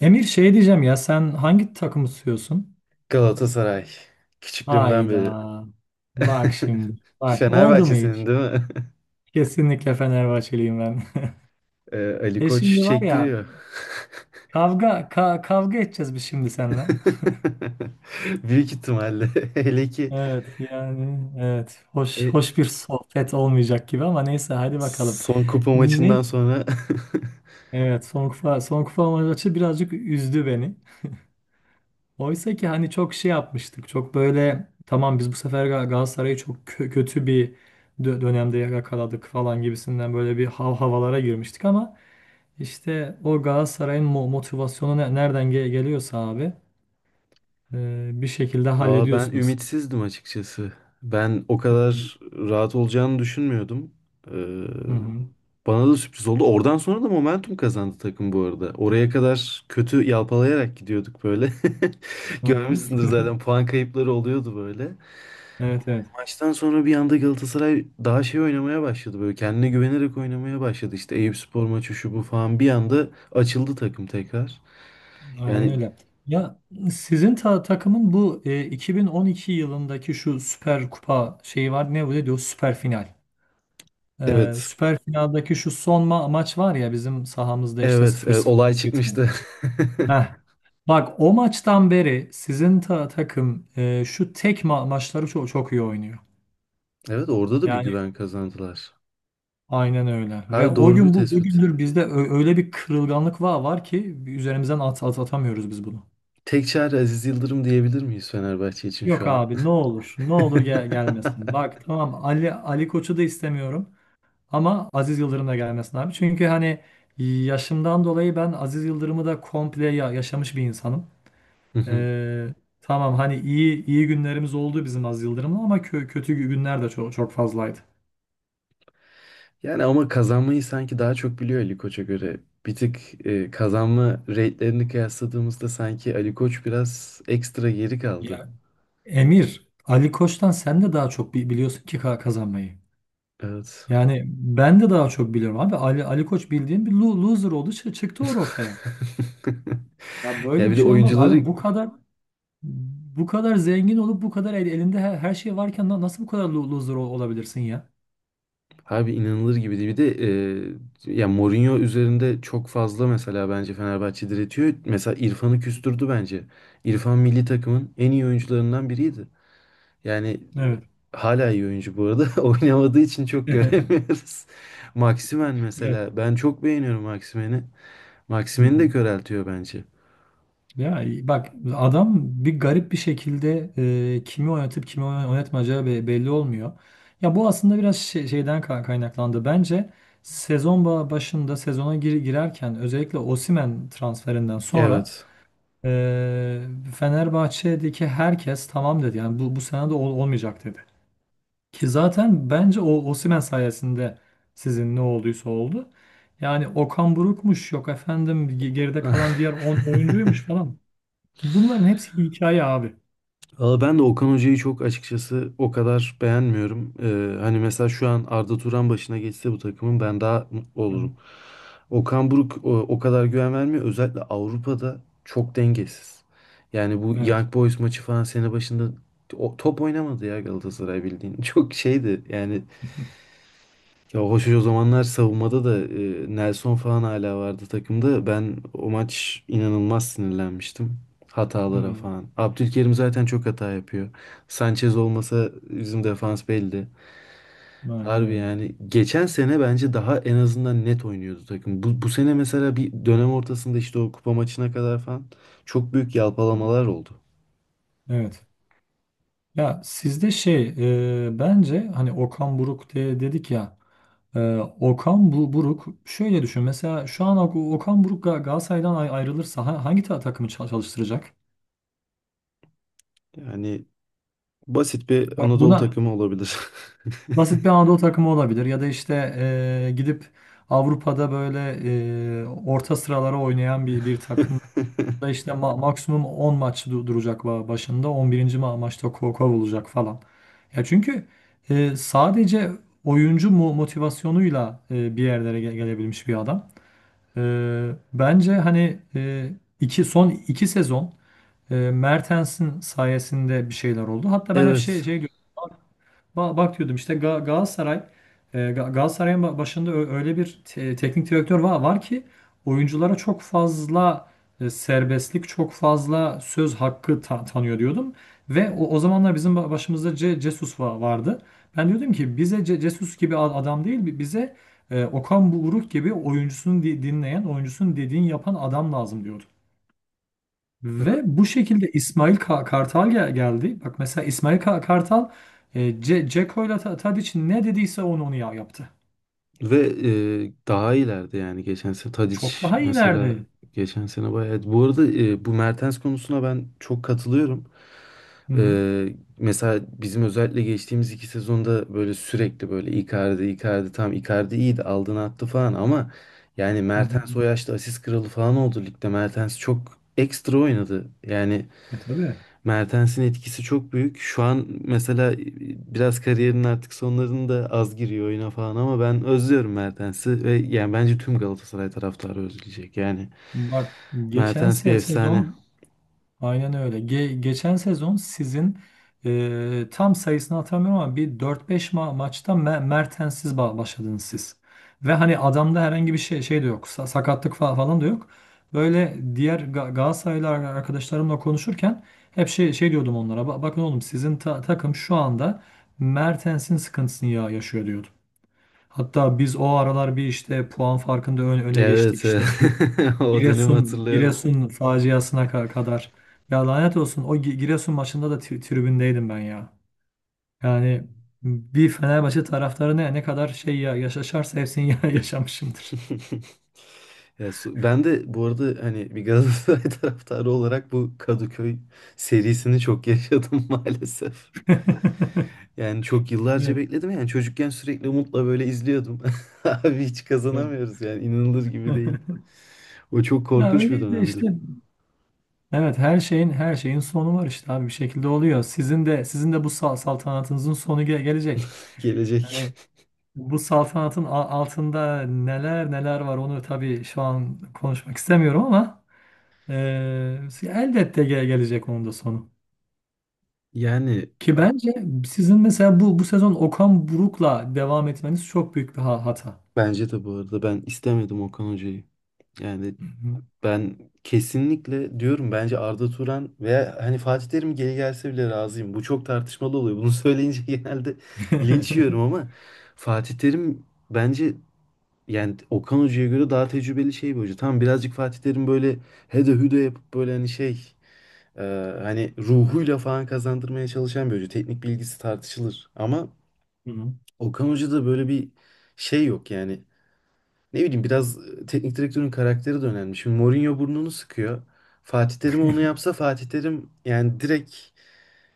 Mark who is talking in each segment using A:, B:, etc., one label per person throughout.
A: Emir şey diyeceğim ya sen hangi takımı tutuyorsun?
B: Galatasaray. Küçüklüğümden beri.
A: Hayda. Bak şimdi. Bak oldu mu
B: Fenerbahçe'sinin
A: hiç?
B: değil mi?
A: Kesinlikle Fenerbahçeliyim ben.
B: Ali
A: E
B: Koç
A: şimdi var ya
B: çektiriyor.
A: kavga edeceğiz biz şimdi seninle.
B: Büyük ihtimalle. Hele ki
A: Evet yani evet hoş
B: e,
A: hoş bir sohbet olmayacak gibi ama neyse hadi bakalım.
B: son kupa
A: Ne?
B: maçından sonra
A: Evet son kupa maçı birazcık üzdü beni. Oysa ki hani çok şey yapmıştık. Çok böyle tamam biz bu sefer Galatasaray'ı kötü bir dönemde yakaladık falan gibisinden böyle bir havalara girmiştik ama işte o Galatasaray'ın motivasyonu nereden geliyorsa abi bir şekilde
B: Valla ben
A: hallediyorsunuz siz.
B: ümitsizdim açıkçası. Ben o
A: Hı hı.
B: kadar rahat olacağını düşünmüyordum. Ee,
A: Hı hı.
B: Bana da sürpriz oldu. Oradan sonra da momentum kazandı takım bu arada. Oraya kadar kötü yalpalayarak gidiyorduk böyle.
A: Hı hı.
B: Görmüşsündür zaten puan kayıpları oluyordu böyle.
A: Evet, evet.
B: Maçtan sonra bir anda Galatasaray daha şey oynamaya başladı böyle. Kendine güvenerek oynamaya başladı. İşte Eyüpspor maçı şu bu falan bir anda açıldı takım tekrar.
A: Aynen
B: Yani
A: öyle. Ya sizin takımın bu 2012 yılındaki şu Süper Kupa şeyi var. Ne bu diyor? Süper final.
B: evet,
A: Süper finaldeki şu son maç var ya bizim sahamızda işte
B: evet,
A: 0-0
B: olay
A: biten.
B: çıkmıştı.
A: Heh. Bak o maçtan beri sizin takım şu tek maçları çok iyi oynuyor.
B: Evet orada da bir
A: Yani
B: güven kazandılar.
A: aynen öyle. Ve
B: Her
A: o
B: doğru bir
A: gün bu
B: tespit.
A: bugündür bizde öyle bir kırılganlık var ki üzerimizden at, at atamıyoruz biz bunu.
B: Tek çare Aziz Yıldırım diyebilir miyiz Fenerbahçe için
A: Yok
B: şu an?
A: abi ne olur gelmesin. Bak tamam Ali Koç'u da istemiyorum. Ama Aziz Yıldırım da gelmesin abi. Çünkü hani yaşımdan dolayı ben Aziz Yıldırım'ı da komple yaşamış bir insanım.
B: Hı hı.
A: Ee, tamam hani iyi günlerimiz oldu bizim Aziz Yıldırım'la ama kötü günler de çok fazlaydı.
B: Yani ama kazanmayı sanki daha çok biliyor Ali Koç'a göre. Bir tık kazanma rate'lerini kıyasladığımızda sanki Ali Koç biraz ekstra geri kaldı.
A: Ya Emir, Ali Koç'tan sen de daha çok biliyorsun ki kazanmayı.
B: Evet.
A: Yani ben de daha çok biliyorum abi. Ali Koç bildiğin bir loser oldu, çıktı ortaya. Ya
B: Ya
A: böyle bir
B: bir de
A: şey olmaz abi.
B: oyuncuları.
A: Bu kadar bu kadar zengin olup bu kadar elinde her şey varken nasıl bu kadar loser olabilirsin ya?
B: Abi inanılır gibi değil. Bir de ya Mourinho üzerinde çok fazla mesela bence Fenerbahçe diretiyor. Mesela İrfan'ı küstürdü bence. İrfan milli takımın en iyi oyuncularından biriydi. Yani
A: Evet.
B: hala iyi oyuncu bu arada. Oynamadığı için çok göremiyoruz. Maximen
A: Evet.
B: mesela. Ben çok beğeniyorum Maximen'i.
A: Hı
B: Maximen'i de
A: hı.
B: köreltiyor bence.
A: Ya bak adam bir garip bir şekilde kimi oynatıp kimi oynatmayacağı belli olmuyor. Ya bu aslında biraz şeyden kaynaklandı. Bence sezon başında sezona girerken özellikle Osimhen transferinden sonra
B: Evet.
A: e, Fenerbahçe'deki herkes tamam dedi. Yani bu sene de olmayacak dedi. Ki zaten bence o Osimhen sayesinde sizin ne olduysa oldu. Yani Okan Buruk'muş yok efendim geride kalan diğer 10 oyuncuymuş falan. Bunların hepsi hikaye abi.
B: Valla ben de Okan Hoca'yı çok açıkçası o kadar beğenmiyorum. Hani mesela şu an Arda Turan başına geçse bu takımın ben daha mutlu
A: Hı hı.
B: olurum. Okan Buruk o kadar güven vermiyor. Özellikle Avrupa'da çok dengesiz. Yani bu
A: Evet.
B: Young Boys maçı falan sene başında top oynamadı ya Galatasaray bildiğin. Çok şeydi yani ya hoş o zamanlar savunmada da Nelson falan hala vardı takımda. Ben o maç inanılmaz sinirlenmiştim. Hatalara
A: Hı.
B: falan. Abdülkerim zaten çok hata yapıyor. Sanchez olmasa bizim defans belli.
A: Aynen
B: Harbi
A: öyle.
B: yani geçen sene bence daha en azından net oynuyordu takım. Bu sene mesela bir dönem ortasında işte o kupa maçına kadar falan çok büyük
A: Hı hı.
B: yalpalamalar oldu.
A: Evet. Ya sizde bence hani Okan Buruk dedik ya Buruk şöyle düşün mesela şu an Okan Buruk Galatasaray'dan ayrılırsa hangi takımı çalıştıracak?
B: Yani basit bir
A: Bak
B: Anadolu
A: buna
B: takımı olabilir.
A: basit bir Anadolu takımı olabilir ya da işte gidip Avrupa'da böyle orta sıralara oynayan bir takım da işte maksimum 10 maç duracak başında 11. Maçta kovulacak falan. Ya çünkü sadece oyuncu mu motivasyonuyla bir yerlere gelebilmiş bir adam. E, Bence hani e, iki son iki sezon Mertens'in sayesinde bir şeyler oldu. Hatta ben hep şey
B: Evet,
A: şey diyorum. Bak diyordum işte Galatasaray Galatasaray'ın başında öyle bir teknik direktör var ki oyunculara çok fazla serbestlik, çok fazla söz hakkı tanıyor diyordum. Ve o zamanlar bizim başımızda Ce Jesus vardı. Ben diyordum ki bize Ce Jesus gibi adam değil, bize Okan Buruk gibi oyuncusunu dinleyen, oyuncusunun dediğini yapan adam lazım diyordum. Ve bu şekilde İsmail Kartal geldi. Bak mesela İsmail Kartal Ce Ceko ile Tadiç'in ne dediyse onu yaptı.
B: ve daha ileride yani geçen sene Tadic
A: Çok daha
B: mesela
A: iyilerdi.
B: geçen sene bayağı. Bu arada bu Mertens konusuna ben çok katılıyorum.
A: Hı hı.
B: E, mesela bizim özellikle geçtiğimiz iki sezonda böyle sürekli böyle Icardi, Icardi tam Icardi iyiydi aldığını attı falan ama yani
A: Hı hı.
B: Mertens o yaşta asist kralı falan oldu ligde. Mertens çok ekstra oynadı. Yani
A: E tabii.
B: Mertens'in etkisi çok büyük. Şu an mesela biraz kariyerinin artık sonlarında az giriyor oyuna falan ama ben özlüyorum Mertens'i ve yani bence tüm Galatasaray taraftarı özleyecek. Yani
A: Bak geçen
B: Mertens bir
A: se-
B: efsane.
A: sezon Aynen öyle. Geçen sezon sizin tam sayısını hatırlamıyorum ama bir dört beş maçta Mertens'siz başladınız siz. Ve hani adamda herhangi bir şey de yok. Sa- sakatlık falan da yok. Böyle diğer Ga Galatasaraylı arkadaşlarımla konuşurken hep şey diyordum onlara. "Ba- bakın oğlum sizin takım şu anda Mertens'in sıkıntısını yaşıyor" diyordum. Hatta biz o aralar bir işte puan farkında öne geçtik.
B: Evet, evet.
A: İşte şu
B: O dönemi hatırlıyorum.
A: Giresun faciasına kadar. Ya lanet olsun o Giresun maçında da tribündeydim ben ya. Yani bir Fenerbahçe taraftarı ne kadar şey yaşarsa hepsini yaşamışımdır.
B: Ya ben de bu arada hani bir Galatasaray taraftarı olarak bu Kadıköy serisini çok yaşadım maalesef. Yani çok yıllarca
A: Evet,
B: bekledim yani çocukken sürekli umutla böyle izliyordum. Abi hiç
A: evet.
B: kazanamıyoruz yani inanılır gibi değil. O çok
A: Ya
B: korkunç bir
A: öyleydi
B: dönemdi.
A: işte. Evet her şeyin sonu var işte abi bir şekilde oluyor. Sizin de bu saltanatınızın sonu gelecek.
B: Gelecek.
A: Yani bu saltanatın altında neler var onu tabii şu an konuşmak istemiyorum ama elbette gelecek onun da sonu.
B: Yani
A: Ki
B: a-
A: bence sizin mesela bu sezon Okan Buruk'la devam etmeniz çok büyük bir hata.
B: bence de bu arada ben istemedim Okan Hoca'yı. Yani
A: Hı hı.
B: ben kesinlikle diyorum bence Arda Turan veya hani Fatih Terim geri gelse bile razıyım. Bu çok tartışmalı oluyor. Bunu söyleyince genelde linç yiyorum ama Fatih Terim bence, yani Okan Hoca'ya göre daha tecrübeli şey bir hoca. Tamam birazcık Fatih Terim böyle hede hüde yapıp böyle hani şey e, hani ruhuyla falan kazandırmaya çalışan bir hoca. Teknik bilgisi tartışılır. Ama
A: Hı hı.
B: Okan Hoca'da böyle bir şey yok yani. Ne bileyim biraz teknik direktörün karakteri de önemli. Şimdi Mourinho burnunu sıkıyor. Fatih Terim onu yapsa Fatih Terim yani direkt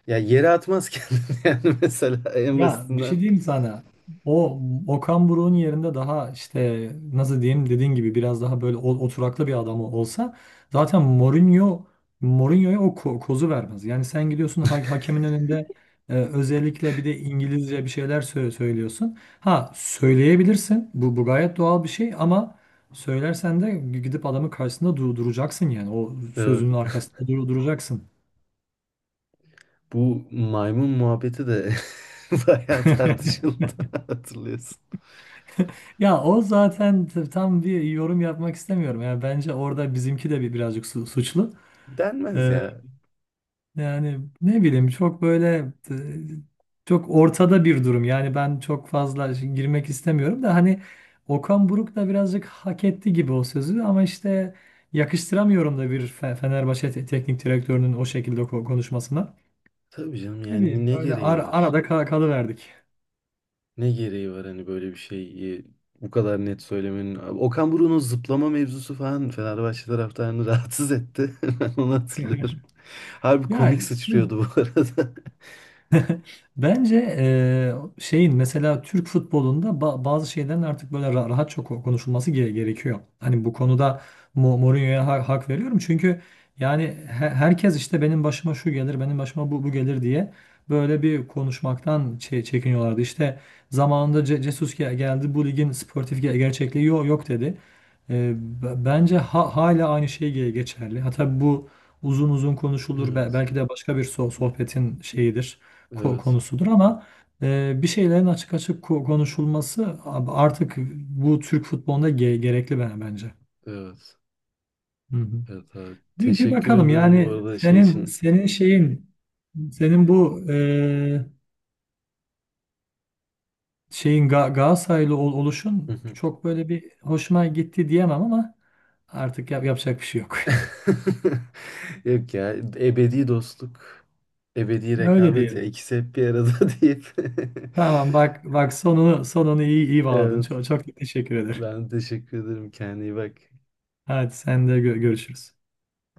B: ya yere atmaz kendini yani mesela en
A: Ya bir
B: basitinden.
A: şey diyeyim sana. O Okan Buruk'un yerinde daha işte nasıl diyeyim dediğin gibi biraz daha böyle oturaklı bir adam olsa zaten Mourinho'ya o kozu vermez. Yani sen gidiyorsun hakemin önünde özellikle bir de İngilizce bir şeyler söylüyorsun. Ha söyleyebilirsin. Bu gayet doğal bir şey ama söylersen de gidip adamın karşısında duracaksın yani. O
B: Evet.
A: sözünün arkasında duracaksın.
B: Bu maymun muhabbeti de bayağı tartışıldı hatırlıyorsun.
A: Ya o zaten tam bir yorum yapmak istemiyorum. Yani bence orada bizimki de birazcık suçlu.
B: Denmez
A: Ee,
B: ya.
A: Yani ne bileyim çok böyle t- çok ortada bir durum. Yani ben çok fazla girmek istemiyorum da hani Okan Buruk da birazcık hak etti gibi o sözü ama işte yakıştıramıyorum da bir Fenerbahçe teknik direktörünün o şekilde konuşmasına.
B: Tabii canım
A: Ne bileyim
B: yani ne
A: öyle
B: gereği var?
A: arada kalıverdik.
B: Ne gereği var hani böyle bir şeyi bu kadar net söylemenin. Okan Buruk'un o zıplama mevzusu falan Fenerbahçe taraftarını rahatsız etti. Ben onu hatırlıyorum. Harbi
A: Ya
B: komik sıçrıyordu bu arada.
A: bence şeyin mesela Türk futbolunda bazı şeylerin artık böyle rahatça konuşulması gerekiyor. Hani bu konuda Mourinho'ya hak veriyorum. Çünkü yani herkes işte benim başıma şu gelir, benim başıma bu gelir diye böyle bir konuşmaktan çekiniyorlardı. İşte zamanında Ce Jesus geldi bu ligin sportif gerçekliği yok dedi. Bence hala aynı şey geçerli. Ha tabii bu uzun konuşulur.
B: Evet.
A: Belki de başka bir sohbetin şeyidir
B: Evet.
A: konusudur ama bir şeylerin açık konuşulması artık bu Türk futbolunda gerekli bence.
B: Evet.
A: Hı hı.
B: Evet abi.
A: Bir
B: Teşekkür
A: bakalım
B: ederim bu
A: yani
B: arada şey için.
A: senin şeyin senin bu e, şeyin Ga Galatasaraylı oluşun çok böyle bir hoşuma gitti diyemem ama artık yapacak bir şey yok.
B: Yok ya, ebedi dostluk, ebedi
A: Öyle
B: rekabet ya
A: diyelim.
B: ikisi hep bir arada deyip.
A: Tamam bak sonunu iyi bağladın.
B: Evet,
A: Çok teşekkür ederim.
B: ben teşekkür ederim, kendine iyi bak.
A: Hadi sen de görüşürüz.